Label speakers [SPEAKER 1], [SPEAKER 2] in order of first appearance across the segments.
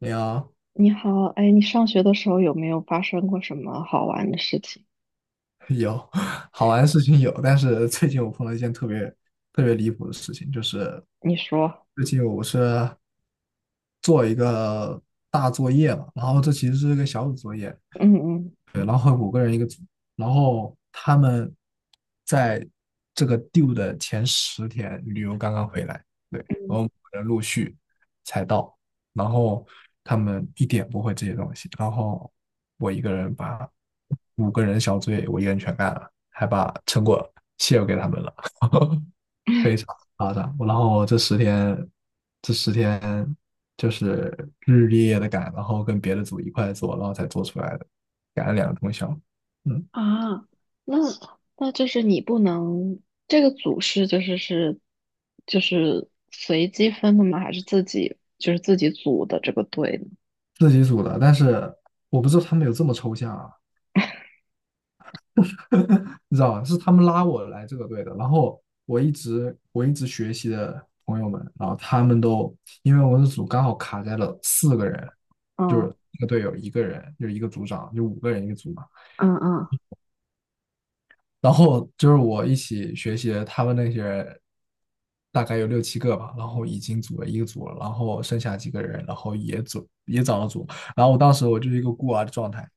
[SPEAKER 1] 有
[SPEAKER 2] 你好，哎，你上学的时候有没有发生过什么好玩的事情？
[SPEAKER 1] 有 好玩的事情有，但是最近我碰到一件特别特别离谱的事情，就是
[SPEAKER 2] 你说。
[SPEAKER 1] 最近我是做一个大作业嘛，然后这其实是个小组作业，
[SPEAKER 2] 嗯嗯。
[SPEAKER 1] 对，然后五个人一个组，然后他们在这个 due 的前十天旅游刚刚回来，对，然后人陆续才到，然后他们一点不会这些东西，然后我一个人把五个人小组也我一个人全干了，还把成果 share 给他们了，非常夸张。然后这十天，这十天就是日日夜夜的赶，然后跟别的组一块做，然后才做出来的，赶了两个通宵。嗯，
[SPEAKER 2] 啊，那 那就是你不能，这个组是随机分的吗？还是自己就是自己组的这个队呢？
[SPEAKER 1] 自己组的，但是我不知道他们有这么抽象啊，你知道吧？是他们拉我来这个队的，然后我一直学习的朋友们，然后他们都因为我们的组刚好卡在了四个人，
[SPEAKER 2] 嗯。
[SPEAKER 1] 一个队友一个人，就一个组长，就五个人一个组嘛。
[SPEAKER 2] 嗯嗯。
[SPEAKER 1] 然后就是我一起学习的他们那些人，大概有六七个吧，然后已经组了一个组了，然后剩下几个人，然后也组也找了组，然后我当时我就是一个孤儿的状态，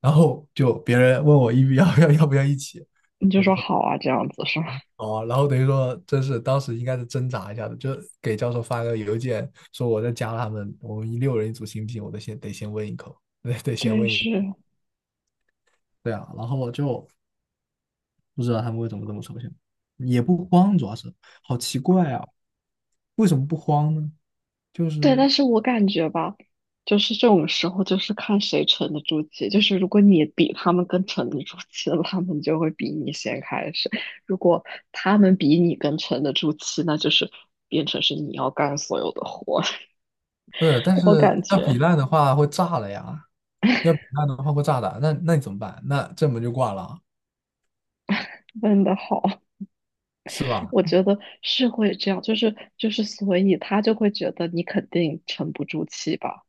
[SPEAKER 1] 然后就别人问我一不要 要不要一起，
[SPEAKER 2] 你就说好啊，这样子是吗？
[SPEAKER 1] 哦，然后等于说真是当时应该是挣扎一下的，就给教授发个邮件说我在加他们，我们一六人一组行不行？我得先问一口，得先
[SPEAKER 2] 对，
[SPEAKER 1] 问一，
[SPEAKER 2] 是。
[SPEAKER 1] 对啊，然后我就不知道他们为什么这么抽象，也不慌，主要是好奇怪啊，为什么不慌呢？就
[SPEAKER 2] 对，
[SPEAKER 1] 是
[SPEAKER 2] 但是我感觉吧，就是这种时候就是看谁沉得住气。就是如果你比他们更沉得住气了，他们就会比你先开始；如果他们比你更沉得住气，那就是变成是你要干所有的活。
[SPEAKER 1] 不是，但
[SPEAKER 2] 我感
[SPEAKER 1] 是要比
[SPEAKER 2] 觉
[SPEAKER 1] 烂的话会炸了呀，要比烂的话会炸的，那你怎么办？那这门就挂了，
[SPEAKER 2] 问的好。
[SPEAKER 1] 是吧？
[SPEAKER 2] 我觉得是会这样，就是，所以他就会觉得你肯定沉不住气吧？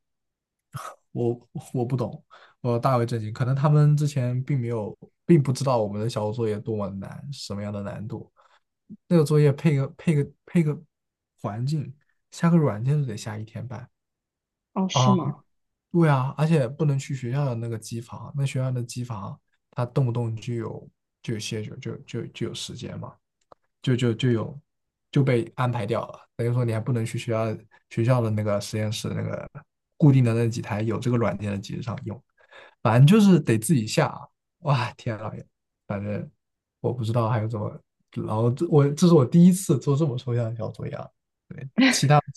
[SPEAKER 1] 我不懂，我大为震惊，可能他们之前并没有，并不知道我们的小组作业多么难，什么样的难度，那个作业配个环境，下个软件都得下一天半。
[SPEAKER 2] 哦，是
[SPEAKER 1] 啊。
[SPEAKER 2] 吗？
[SPEAKER 1] 对啊，而且不能去学校的那个机房，那学校的机房，它动不动就有时间嘛，就就就有就被安排掉了。等于说你还不能去学校的那个实验室那个固定的那几台有这个软件的机子上用，反正就是得自己下。哇，天啊，反正我不知道还有怎么，然后这是我第一次做这么抽象的小作业啊。对，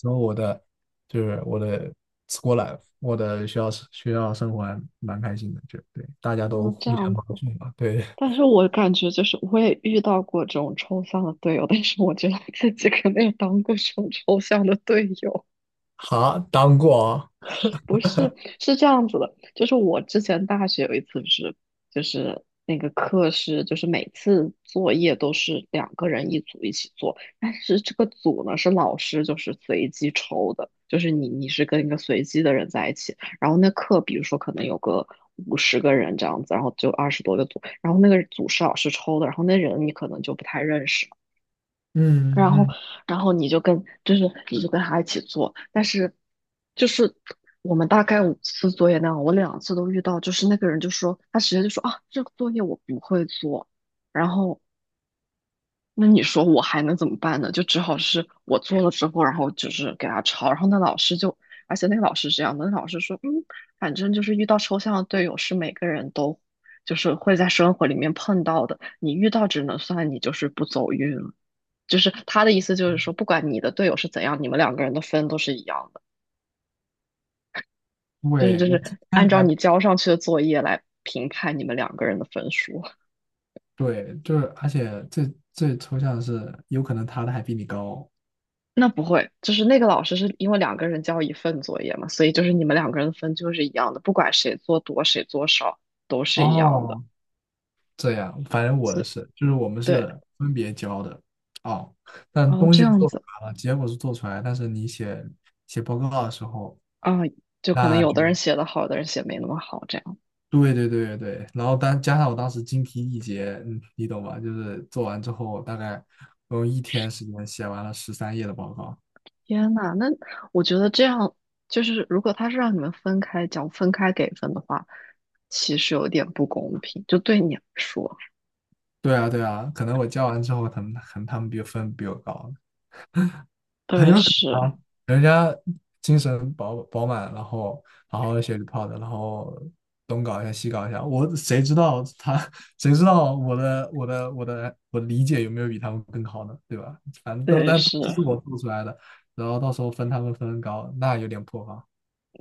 [SPEAKER 1] 然后我的 school life，我的学校生活还蛮开心的，就对，大家都
[SPEAKER 2] 哦，这
[SPEAKER 1] 互
[SPEAKER 2] 样
[SPEAKER 1] 相
[SPEAKER 2] 子。
[SPEAKER 1] 帮助嘛，对，
[SPEAKER 2] 但是我感觉就是我也遇到过这种抽象的队友，但是我觉得自己肯定也当过这种抽象的队友。
[SPEAKER 1] 好，当过啊。
[SPEAKER 2] 不是，是这样子的，就是我之前大学有一次是，就是那个课是，就是每次作业都是两个人一组一起做，但是这个组呢是老师就是随机抽的，就是你是跟一个随机的人在一起，然后那课比如说可能有个50个人这样子，然后就20多个组，然后那个组是老师抽的，然后那人你可能就不太认识。
[SPEAKER 1] 嗯
[SPEAKER 2] 然后，
[SPEAKER 1] 嗯，
[SPEAKER 2] 然后你就跟，就是你就跟他一起做，但是，就是我们大概5次作业那样，我2次都遇到，就是那个人就说，他直接就说啊，这个作业我不会做，然后那你说我还能怎么办呢？就只好是我做了之后，然后就是给他抄，然后那老师就，而且那个老师是这样的，那老师说，嗯，反正就是遇到抽象的队友是每个人都，就是会在生活里面碰到的，你遇到只能算你就是不走运了。就是他的意思就是说，不管你的队友是怎样，你们两个人的分都是一样的，就是
[SPEAKER 1] 对，
[SPEAKER 2] 就
[SPEAKER 1] 我今
[SPEAKER 2] 是
[SPEAKER 1] 天
[SPEAKER 2] 按照
[SPEAKER 1] 还
[SPEAKER 2] 你交上去的作业来评判你们两个人的分数。
[SPEAKER 1] 对，就是而且最最抽象的是，有可能他的还比你高。
[SPEAKER 2] 那不会，就是那个老师是因为两个人交一份作业嘛，所以就是你们两个人的分就是一样的，不管谁做多谁做少都
[SPEAKER 1] 哦，
[SPEAKER 2] 是一样的。
[SPEAKER 1] 哦这样，反正我
[SPEAKER 2] 所
[SPEAKER 1] 的
[SPEAKER 2] 以
[SPEAKER 1] 是，就是我们
[SPEAKER 2] 对。
[SPEAKER 1] 是分别交的。哦，但
[SPEAKER 2] 哦
[SPEAKER 1] 东
[SPEAKER 2] 这
[SPEAKER 1] 西是
[SPEAKER 2] 样
[SPEAKER 1] 做出
[SPEAKER 2] 子
[SPEAKER 1] 来了，结果是做出来，但是你写报告的时候。
[SPEAKER 2] 啊，就可能
[SPEAKER 1] 那
[SPEAKER 2] 有的人
[SPEAKER 1] 就。
[SPEAKER 2] 写的好，有的人写没那么好，这样。
[SPEAKER 1] 对对对对，然后当加上我当时精疲力竭，嗯，你懂吧？就是做完之后，大概我用一天时间写完了13页的报告。
[SPEAKER 2] 天呐，那我觉得这样就是，如果他是让你们分开讲、分开给分的话，其实有点不公平，就对你来说。
[SPEAKER 1] 对啊对啊，可能我交完之后，他们可能他们比分比我高，很
[SPEAKER 2] 对，
[SPEAKER 1] 有可
[SPEAKER 2] 是。
[SPEAKER 1] 能啊，人家精神饱满，然后好好的学习泡 t 然后东搞一下西搞一下，我谁知道他，谁知道我的理解有没有比他们更好呢？对吧？反正都
[SPEAKER 2] 对，
[SPEAKER 1] 但都
[SPEAKER 2] 是。
[SPEAKER 1] 是我做出来的，然后到时候分他们分高，那有点破防。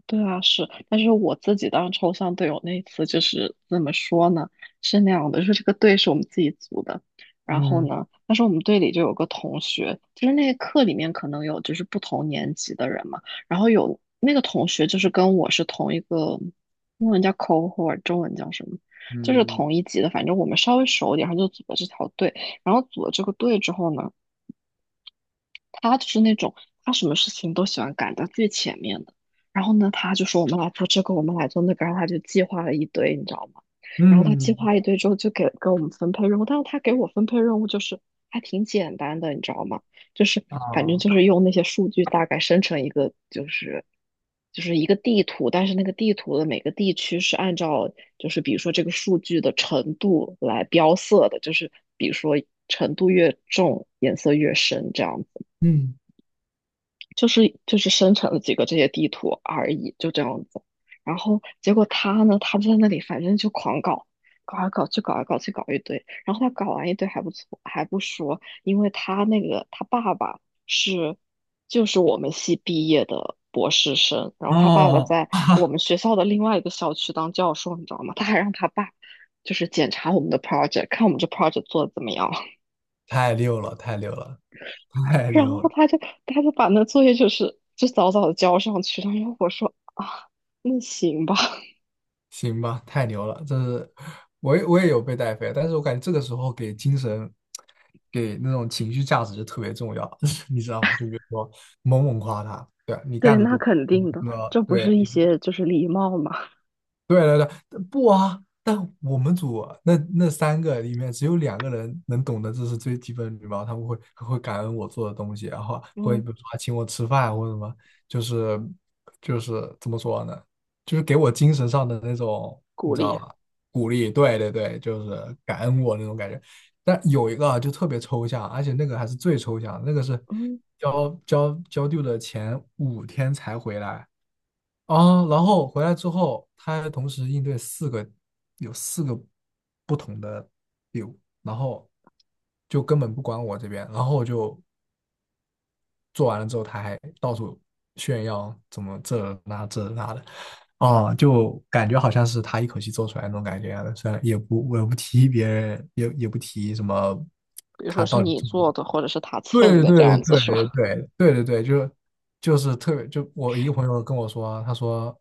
[SPEAKER 2] 对啊，是，但是我自己当抽象队友那一次就是怎么说呢？是那样的，就是这个队是我们自己组的，然后
[SPEAKER 1] 嗯
[SPEAKER 2] 呢，但是我们队里就有个同学，就是那个课里面可能有就是不同年级的人嘛，然后有那个同学就是跟我是同一个，英文叫 cohort,中文叫什么？就是
[SPEAKER 1] 嗯
[SPEAKER 2] 同一级的，反正我们稍微熟一点，然后就组了这条队，然后组了这个队之后呢。他就是那种他什么事情都喜欢赶到最前面的。然后呢，他就说我们来做这个，我们来做那个，然后他就计划了一堆，你知道吗？然后他计划
[SPEAKER 1] 嗯。
[SPEAKER 2] 一堆之后，就给我们分配任务，但是他给我分配任务就是还挺简单的，你知道吗？就是反正就
[SPEAKER 1] 啊。
[SPEAKER 2] 是用那些数据大概生成一个，就是一个地图，但是那个地图的每个地区是按照就是比如说这个数据的程度来标色的，就是比如说程度越重，颜色越深这样子。
[SPEAKER 1] 嗯。
[SPEAKER 2] 就是生成了几个这些地图而已，就这样子。然后结果他呢，他就在那里反正就狂搞，搞来搞去，搞来搞去，搞一堆。然后他搞完一堆还不错，还不说，因为他那个他爸爸是就是我们系毕业的博士生，然后他爸爸
[SPEAKER 1] 哦，
[SPEAKER 2] 在我 们学校的另外一个校区当教授，你知道吗？他还让他爸就是检查我们的 project,看我们这 project 做的怎么样。
[SPEAKER 1] 太溜了，太溜了，太
[SPEAKER 2] 然
[SPEAKER 1] 溜
[SPEAKER 2] 后
[SPEAKER 1] 了。
[SPEAKER 2] 他就把那作业就是就早早的交上去了，然后我说啊，那行吧。
[SPEAKER 1] 行吧，太牛了！这是我也有被带飞，但是我感觉这个时候给精神、给那种情绪价值就特别重要，你知道吧？就比如说猛猛夸他，对啊，你
[SPEAKER 2] 对，
[SPEAKER 1] 干得
[SPEAKER 2] 那
[SPEAKER 1] 多，
[SPEAKER 2] 肯
[SPEAKER 1] 你
[SPEAKER 2] 定的，
[SPEAKER 1] 这个
[SPEAKER 2] 这不
[SPEAKER 1] 对。
[SPEAKER 2] 是一些就是礼貌嘛。
[SPEAKER 1] 对对对，不啊，但我们组啊那三个里面只有两个人能懂得这是最基本的礼貌，他们会感恩我做的东西，然后会
[SPEAKER 2] 嗯，
[SPEAKER 1] 比如说还请我吃饭或者什么，就是就是怎么说呢，就是给我精神上的那种，你
[SPEAKER 2] 鼓
[SPEAKER 1] 知道
[SPEAKER 2] 励。
[SPEAKER 1] 吧？鼓励，对对对，就是感恩我那种感觉。但有一个啊就特别抽象，而且那个还是最抽象的那个是
[SPEAKER 2] 嗯，
[SPEAKER 1] 交丢的前5天才回来。啊，然后回来之后，他还同时应对四个，有四个不同的 VIE 然后就根本不管我这边，然后我就做完了之后，他还到处炫耀怎么这那这那的，啊，就感觉好像是他一口气做出来那种感觉一样的，虽然也不我也不提别人，也不提什么
[SPEAKER 2] 比如
[SPEAKER 1] 他
[SPEAKER 2] 说是
[SPEAKER 1] 到底
[SPEAKER 2] 你
[SPEAKER 1] 做。
[SPEAKER 2] 做的或者是他蹭
[SPEAKER 1] 对对
[SPEAKER 2] 的这
[SPEAKER 1] 对
[SPEAKER 2] 样子
[SPEAKER 1] 对
[SPEAKER 2] 是吧？
[SPEAKER 1] 对对对对，就是特别，就我一个朋友跟我说，他说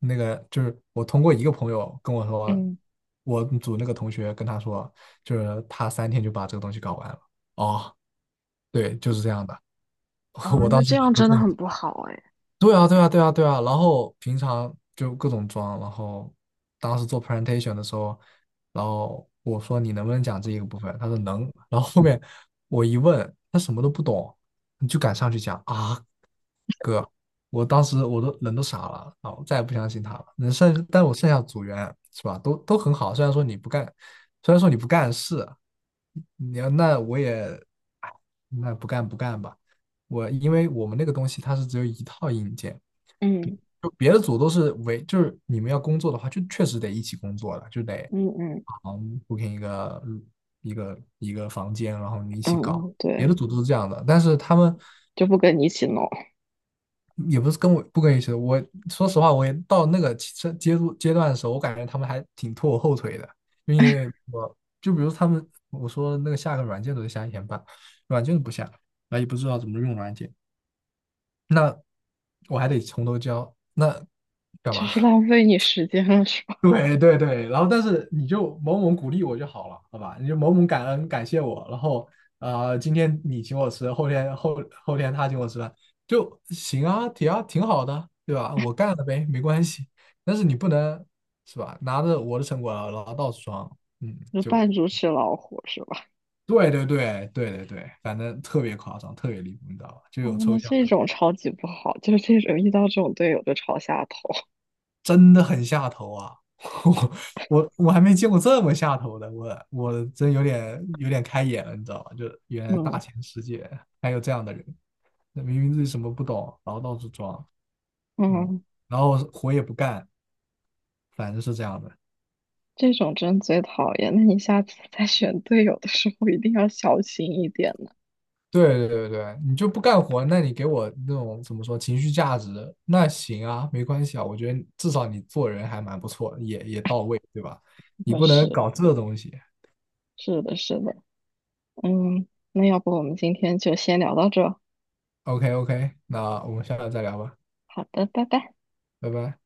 [SPEAKER 1] 那个就是我通过一个朋友跟我 说，
[SPEAKER 2] 嗯
[SPEAKER 1] 我组那个同学跟他说，就是他3天就把这个东西搞完了。哦，对，就是这样的，
[SPEAKER 2] 啊，
[SPEAKER 1] 我
[SPEAKER 2] 那
[SPEAKER 1] 当时
[SPEAKER 2] 这
[SPEAKER 1] 人
[SPEAKER 2] 样
[SPEAKER 1] 都
[SPEAKER 2] 真的
[SPEAKER 1] 震
[SPEAKER 2] 很不好哎。
[SPEAKER 1] 对啊，对啊，对啊，对啊。然后平常就各种装，然后当时做 presentation 的时候，然后我说你能不能讲这一个部分？他说能。然后后面我一问，他什么都不懂，你就敢上去讲啊，哥！我当时都人都傻了，啊！我再也不相信他了。能剩，但我剩下组员是吧，都很好。虽然说你不干，虽然说你不干事，你要那我也，哎，那不干吧。我因为我们那个东西它是只有一套硬件。
[SPEAKER 2] 嗯
[SPEAKER 1] 就别的组都是为，就是你们要工作的话，就确实得一起工作了，就得
[SPEAKER 2] 嗯嗯
[SPEAKER 1] booking 一个嗯一个一个房间，然后你一
[SPEAKER 2] 嗯
[SPEAKER 1] 起搞。
[SPEAKER 2] 嗯。
[SPEAKER 1] 别
[SPEAKER 2] 对，
[SPEAKER 1] 的组都是这样的，但是他们
[SPEAKER 2] 就不跟你一起弄，
[SPEAKER 1] 也不是不跟我一起的。我说实话，我也到那个阶段的时候，我感觉他们还挺拖我后腿的，就因为我就比如他们我说那个下个软件都得下一天半，软件都不下，那也不知道怎么用软件，那我还得从头教，那干
[SPEAKER 2] 就
[SPEAKER 1] 嘛？
[SPEAKER 2] 是 浪费你时间了是吧？
[SPEAKER 1] 对对对，然后但是你就某某鼓励我就好了，好吧？你就某某感恩感谢我，然后今天你请我吃，后天他请我吃饭，就行啊，挺好的，对吧？我干了呗，没关系。但是你不能是吧？拿着我的成果然后到处装，嗯，
[SPEAKER 2] 就
[SPEAKER 1] 就
[SPEAKER 2] 扮猪吃老虎是吧？
[SPEAKER 1] 对对对对对对，反正特别夸张，特别离谱，你知道吧？就
[SPEAKER 2] 哦，
[SPEAKER 1] 有抽
[SPEAKER 2] 那
[SPEAKER 1] 象。
[SPEAKER 2] 这种超级不好，就是这种遇到这种队友就吵下头。
[SPEAKER 1] 真的很下头啊！我我还没见过这么下头的，我真有点开眼了，你知道吧，就原 来大
[SPEAKER 2] 嗯。
[SPEAKER 1] 千世界还有这样的人，那明明自己什么不懂，然后到处装，嗯，
[SPEAKER 2] 嗯，
[SPEAKER 1] 然后活也不干，反正是这样的。
[SPEAKER 2] 这种真最讨厌。那你下次 在选队友的时候一定要小心一点呢。
[SPEAKER 1] 对对对对，你就不干活，那你给我那种怎么说情绪价值，那行啊，没关系啊，我觉得至少你做人还蛮不错，也到位，对吧？你
[SPEAKER 2] 那
[SPEAKER 1] 不能
[SPEAKER 2] 是，
[SPEAKER 1] 搞这东西。
[SPEAKER 2] 是的，是的。嗯，那要不我们今天就先聊到这。
[SPEAKER 1] OK OK，那我们下次再聊吧，
[SPEAKER 2] 好的，拜拜。
[SPEAKER 1] 拜拜。